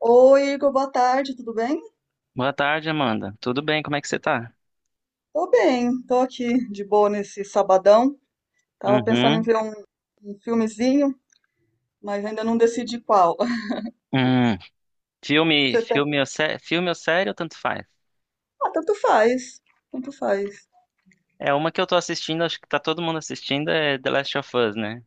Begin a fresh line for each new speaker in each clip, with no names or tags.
Oi, Igor, boa tarde, tudo bem?
Boa tarde, Amanda. Tudo bem? Como é que você tá?
Tô bem, tô aqui de boa nesse sabadão. Tava pensando em
Uhum.
ver um filmezinho, mas ainda não decidi qual.
Hum. Filme,
Você tá...
filme ou série, tanto faz.
Ah, tanto faz, tanto faz.
É uma que eu tô assistindo, acho que tá todo mundo assistindo, é The Last of Us, né?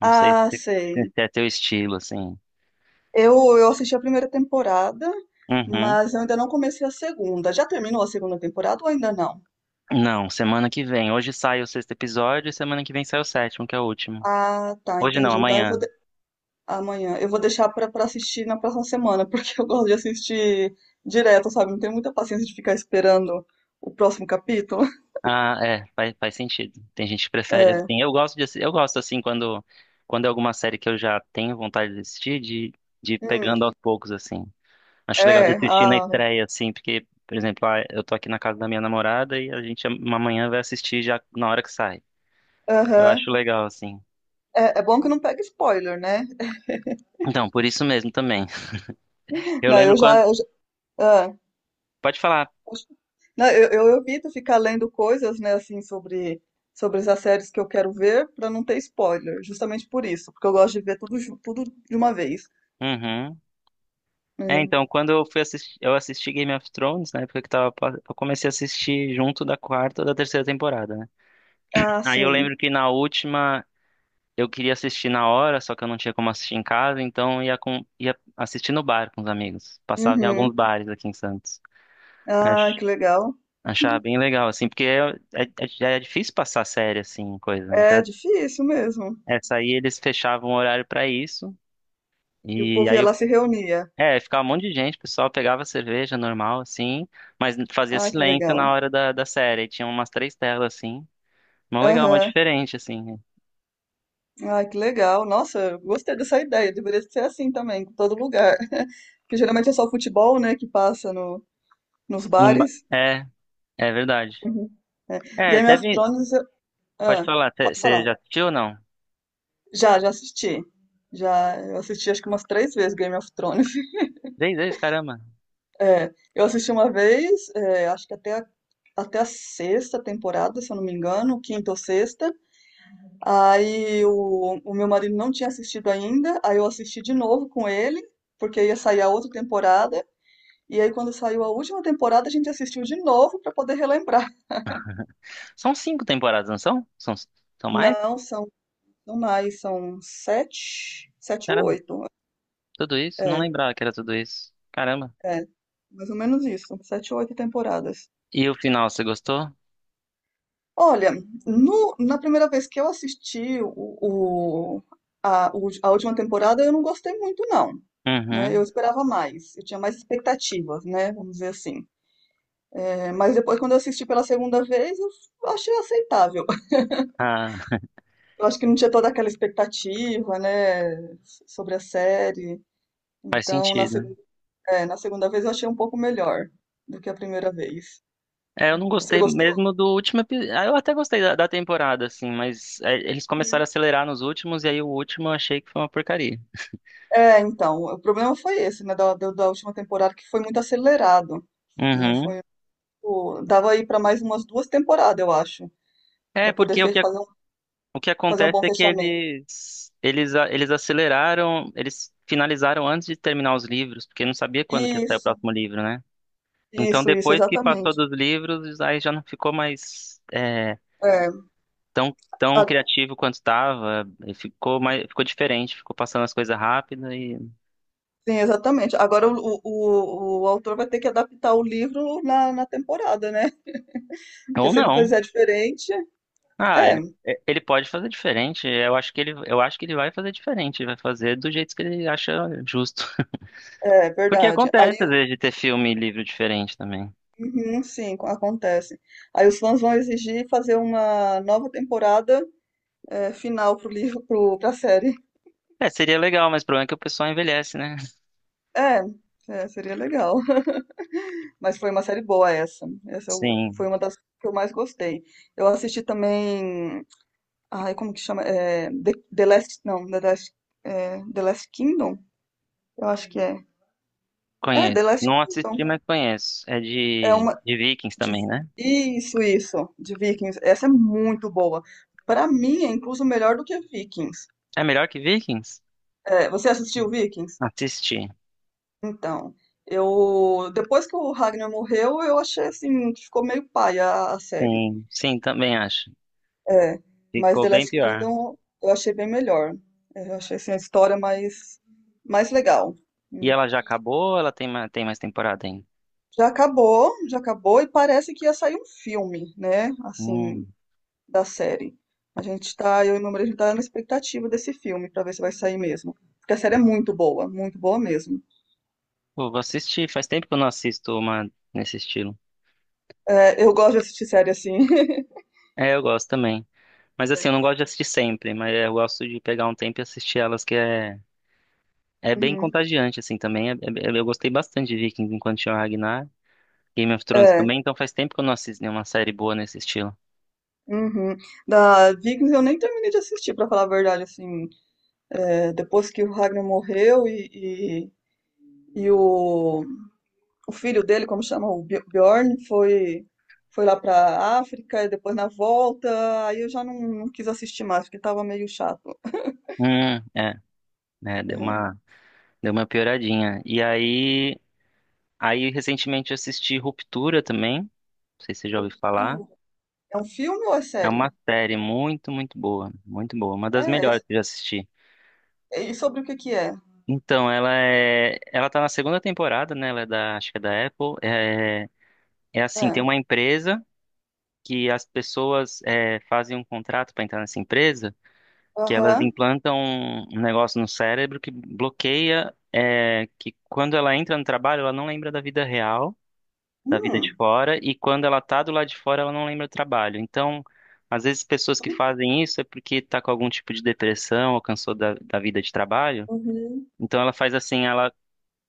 Não sei
Ah,
se
sei.
se é teu estilo, assim.
Eu assisti a primeira temporada,
Uhum.
mas eu ainda não comecei a segunda. Já terminou a segunda temporada ou ainda não?
Não, semana que vem. Hoje sai o sexto episódio e semana que vem sai o sétimo, que é o último.
Ah, tá,
Hoje não,
entendi. Então
amanhã.
amanhã. Eu vou deixar pra assistir na próxima semana, porque eu gosto de assistir direto, sabe? Não tenho muita paciência de ficar esperando o próximo capítulo.
Ah, é, faz sentido. Tem gente que prefere
É,
assim. Eu gosto assim quando é alguma série que eu já tenho vontade de assistir, de ir
hum,
pegando aos poucos, assim. Acho legal de
é,
assistir na
ah,
estreia, assim, porque, por exemplo, ah, eu tô aqui na casa da minha namorada e a gente amanhã vai assistir já na hora que sai. Eu acho
aham.
legal, assim.
É, é bom que não pega spoiler, né?
Então, por isso mesmo também. Eu
Não,
lembro quando.
eu já- ah,
Pode falar.
poxa. Não, eu evito ficar lendo coisas, né, assim, sobre, sobre essas séries que eu quero ver pra não ter spoiler, justamente por isso, porque eu gosto de ver tudo, tudo de uma vez.
Uhum. É,
Hum.
então, quando eu fui assistir, eu assisti Game of Thrones, na época que tava, eu comecei a assistir junto da quarta ou da terceira temporada, né?
Ah,
Aí eu
sim.
lembro que na última eu queria assistir na hora, só que eu não tinha como assistir em casa, então ia assistir no bar com os amigos. Passava em alguns
Uhum.
bares aqui em Santos.
Ah, que legal.
Achava bem legal, assim, porque é difícil passar série, assim, coisa. Né? Então,
É difícil mesmo.
essa aí eles fechavam o horário pra isso.
E o
E
povo
aí,
ia
eu-
lá se reunia.
é, ficava um monte de gente, o pessoal pegava cerveja normal, assim, mas fazia
Ah, que
silêncio
legal.
na hora da série. E tinha umas três telas, assim. Mó legal, mó
Aham.
diferente, assim.
Ai, que legal. Nossa, eu gostei dessa ideia. Deveria ser assim também, em todo lugar. Porque geralmente é só futebol, né, que passa no, nos bares.
É, é verdade.
Uhum. É.
É,
Game of
deve.
Thrones, eu-
Pode
ah,
falar,
Pode
você
falar.
já assistiu ou não?
Já, já assisti. Já, eu assisti acho que umas três vezes Game of Thrones.
Três vezes, caramba.
É, eu assisti uma vez, é, acho que até a sexta temporada, se eu não me engano, quinta ou sexta. Aí o meu marido não tinha assistido ainda, aí eu assisti de novo com ele, porque ia sair a outra temporada. E aí, quando saiu a última temporada, a gente assistiu de novo para poder relembrar.
São cinco temporadas, não são? São, são mais?
Não, são mais, são sete, sete ou
Caramba,
oito.
tudo isso? Não
É,
lembrava que era tudo isso. Caramba.
é, mais ou menos isso, são sete ou oito temporadas.
E o final, você gostou?
Olha, na primeira vez que eu assisti o- a última temporada, eu não gostei muito, não. Né? Eu
Uhum.
esperava mais, eu tinha mais expectativas, né? Vamos dizer assim. É, mas depois, quando eu assisti pela segunda vez, eu achei aceitável.
Ah,
Eu acho que não tinha toda aquela expectativa, né, sobre a série.
faz
Então,
sentido.
na segunda vez eu achei um pouco melhor do que a primeira vez.
É, eu não
Você
gostei
gostou?
mesmo do último episódio. Eu até gostei da temporada, assim, mas é, eles começaram a
Sim.
acelerar nos últimos, e aí o último eu achei que foi uma porcaria.
É, então, o problema foi esse, né, da última temporada, que foi muito acelerado, né,
Uhum.
foi, tipo, dava aí para mais umas duas temporadas, eu acho,
É,
para poder
porque
fazer
o que
fazer um
acontece
bom
é que
fechamento.
eles aceleraram, eles finalizaram antes de terminar os livros, porque não sabia quando que ia sair o
Isso,
próximo livro, né? Então,
isso,
depois que passou
exatamente.
dos livros, aí já não ficou mais. É,
É,
tão
a-
criativo quanto estava, ficou mais, ficou diferente, ficou passando as coisas rápido e
sim, exatamente. Agora o autor vai ter que adaptar o livro na temporada, né? Porque
ou
se ele
não.
fizer diferente,
Ah,
é,
ele pode fazer diferente. Eu acho que ele vai fazer diferente, vai fazer do jeito que ele acha justo.
é
Porque
verdade. Aí,
acontece às vezes de ter filme e livro diferente também.
uhum, sim, acontece. Aí os fãs vão exigir fazer uma nova temporada é, final pra série.
É, seria legal, mas o problema é que o pessoal envelhece, né?
É, é, seria legal. Mas foi uma série boa essa.
Sim,
Foi uma das que eu mais gostei. Eu assisti também, ai, como que chama? É, The, The Last, não, The Last, é, The Last Kingdom? Eu acho que é. É,
conheço.
The Last
Não
Kingdom.
assisti, mas conheço. É
É uma
de Vikings
De-
também, né?
Isso, isso, de Vikings. Essa é muito boa. Pra mim, é incluso melhor do que Vikings.
É melhor que Vikings?
É, você assistiu Vikings?
Assisti.
Então, eu depois que o Ragnar morreu, eu achei assim que ficou meio paia a série.
Sim, sim, também acho.
É, mas
Ficou
The
bem
Last
pior.
Kingdom eu achei bem melhor. É, eu achei assim a história mais legal.
E
Hum.
ela já acabou ou ela tem mais temporada ainda?
Já acabou e parece que ia sair um filme, né? Assim,
Hum.
da série. A gente tá, eu e meu marido, a gente tá na expectativa desse filme pra ver se vai sair mesmo. Porque a série é muito boa mesmo.
Pô, vou assistir. Faz tempo que eu não assisto uma nesse estilo.
É, eu gosto de assistir série assim.
É, eu gosto também. Mas assim,
É,
eu não gosto de assistir sempre, mas eu gosto de pegar um tempo e assistir elas, é bem
uhum.
contagiante, assim, também. Eu gostei bastante de Vikings enquanto tinha o Ragnar. Game of Thrones
É.
também, então faz tempo que eu não assisto nenhuma série boa nesse estilo.
Uhum. Da Vikings eu nem terminei de assistir, pra falar a verdade, assim, é, depois que o Ragnar morreu e o filho dele, como chama, o Bjorn, foi lá pra África e depois na volta, aí eu já não quis assistir mais, porque tava meio chato.
É, né, deu uma pioradinha. Aí recentemente eu assisti Ruptura também, não sei se você já ouviu falar.
Uhum. É um filme ou é
É
série?
uma série muito, muito boa, uma das
É, é-
melhores que eu já assisti.
É, e sobre o que que é?
Então, ela tá na segunda temporada, né? Ela é da, acho que é da Apple. É, é assim,
É.
tem uma empresa que as pessoas é, fazem um contrato para entrar nessa empresa, que elas
Aham.
implantam um negócio no cérebro que bloqueia, é, que quando ela entra no trabalho, ela não lembra da vida real, da vida de
Hum.
fora, e quando ela tá do lado de fora, ela não lembra do trabalho. Então, às vezes pessoas que fazem isso é porque tá com algum tipo de depressão ou cansou da vida de trabalho.
Uhum.
Então ela faz assim, ela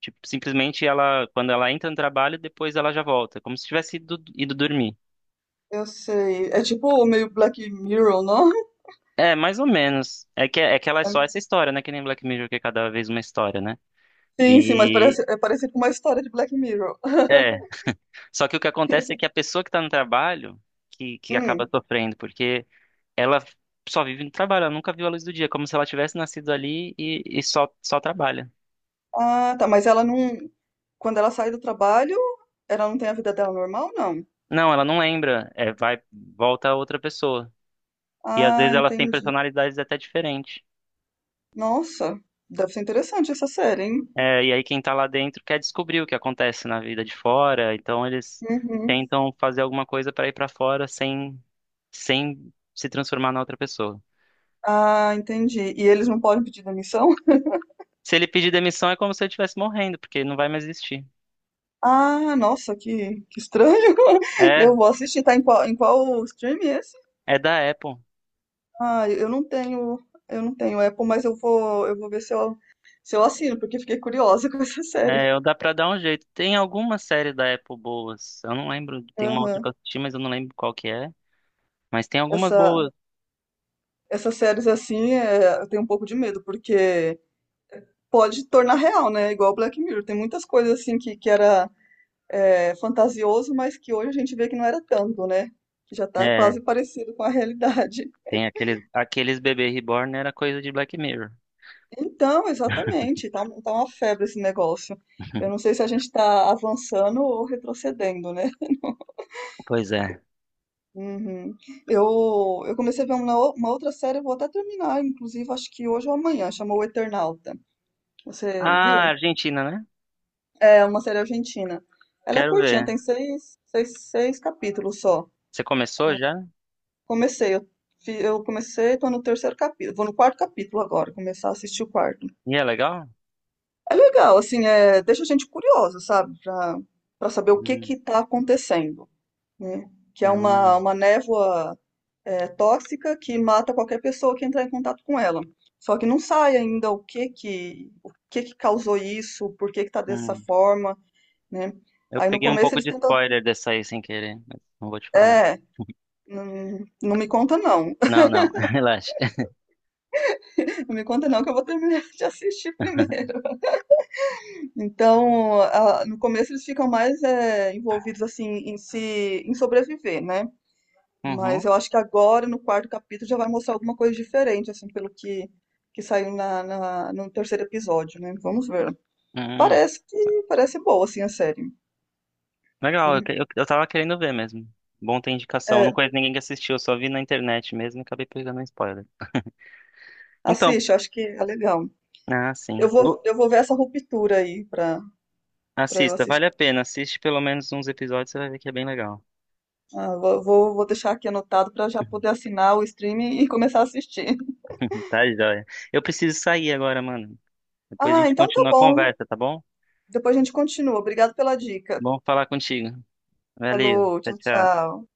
tipo, simplesmente ela quando ela entra no trabalho, depois ela já volta, como se tivesse ido dormir.
Eu sei. É tipo meio Black Mirror, não?
É, mais ou menos. É que ela é só essa história, né? Que nem Black Mirror, que é cada vez uma história, né?
Sim, sim, mas
E
parece, é parecido com uma história de Black Mirror.
é. Só que o que acontece é que a pessoa que tá no trabalho que
Hum.
acaba sofrendo, porque ela só vive no trabalho, ela nunca viu a luz do dia, como se ela tivesse nascido ali e só trabalha.
Ah, tá, mas ela não. Quando ela sai do trabalho, ela não tem a vida dela normal, não?
Não, ela não lembra, é, vai, volta a outra pessoa. E às
Ah,
vezes elas têm
entendi.
personalidades até diferentes.
Nossa, deve ser interessante essa série, hein?
É, e aí quem tá lá dentro quer descobrir o que acontece na vida de fora, então eles
Uhum.
tentam fazer alguma coisa para ir para fora sem, sem se transformar na outra pessoa.
Ah, entendi. E eles não podem pedir demissão?
Se ele pedir demissão é como se ele estivesse morrendo, porque não vai mais existir.
Ah, nossa, que estranho.
É,
Eu vou assistir, tá em qual stream esse?
é da Apple.
Ah, eu não tenho Apple, mas eu vou ver se eu assino, porque fiquei curiosa com essa série.
É, eu- dá pra dar um jeito. Tem alguma série da Apple boas. Eu não lembro. Tem uma outra que
Aham.
eu assisti, mas eu não lembro qual que é. Mas tem algumas
Essa,
boas.
Essas séries assim, é, eu tenho um pouco de medo, porque pode tornar real, né? Igual Black Mirror. Tem muitas coisas assim que era é, fantasioso, mas que hoje a gente vê que não era tanto, né? Que já tá
É,
quase parecido com a realidade.
tem aqueles, aqueles bebê reborn era coisa de Black Mirror.
Então, exatamente, tá, tá uma febre esse negócio. Eu não sei se a gente tá avançando ou retrocedendo, né?
Pois é.
Uhum. Eu comecei a ver uma, uma outra série, eu vou até terminar, inclusive, acho que hoje ou amanhã, chamou O Eternauta. Você
Ah,
viu?
Argentina, né?
É uma série argentina. Ela é
Quero
curtinha,
ver.
tem seis capítulos só.
Você começou já?
Comecei, eu comecei, tô no terceiro capítulo, vou no quarto capítulo agora, começar a assistir o quarto.
E é legal?
É legal, assim, é, deixa a gente curiosa, sabe? Pra saber o que
Hum,
que tá acontecendo, né? Que é
hum,
uma névoa é, tóxica que mata qualquer pessoa que entrar em contato com ela. Só que não sai ainda o que que causou isso, por que que tá dessa
hum.
forma, né?
Eu
Aí no
peguei um
começo
pouco
eles
de
tentam,
spoiler dessa aí sem querer, mas não vou te falar nada.
é, não me conta não,
Não, não, relaxa.
não me conta não que eu vou terminar de assistir primeiro. Então, no começo eles ficam mais é, envolvidos assim em se, em sobreviver, né?
Uhum,
Mas eu acho que agora, no quarto capítulo, já vai mostrar alguma coisa diferente, assim, pelo que saiu no terceiro episódio, né? Vamos ver.
uhum.
Parece que parece boa, assim, a série.
Legal,
Né?
eu tava querendo ver mesmo. Bom ter indicação. Eu
É,
não conheço ninguém que assistiu, eu só vi na internet mesmo e acabei pegando um spoiler. Então,
assiste, eu acho que é legal.
ah,
Eu
sim. O-
vou, eu vou ver essa ruptura pra eu
assista,
assistir.
vale a pena. Assiste pelo menos uns episódios, você vai ver que é bem legal.
Ah, vou deixar aqui anotado pra já poder assinar o streaming e começar a assistir.
Tá, joia. Eu preciso sair agora, mano. Depois a
Ah,
gente
então tá
continua a
bom.
conversa, tá bom?
Depois a gente continua. Obrigado pela dica.
Bom falar contigo. Valeu.
Falou,
Tchau,
tchau,
tchau.
tchau.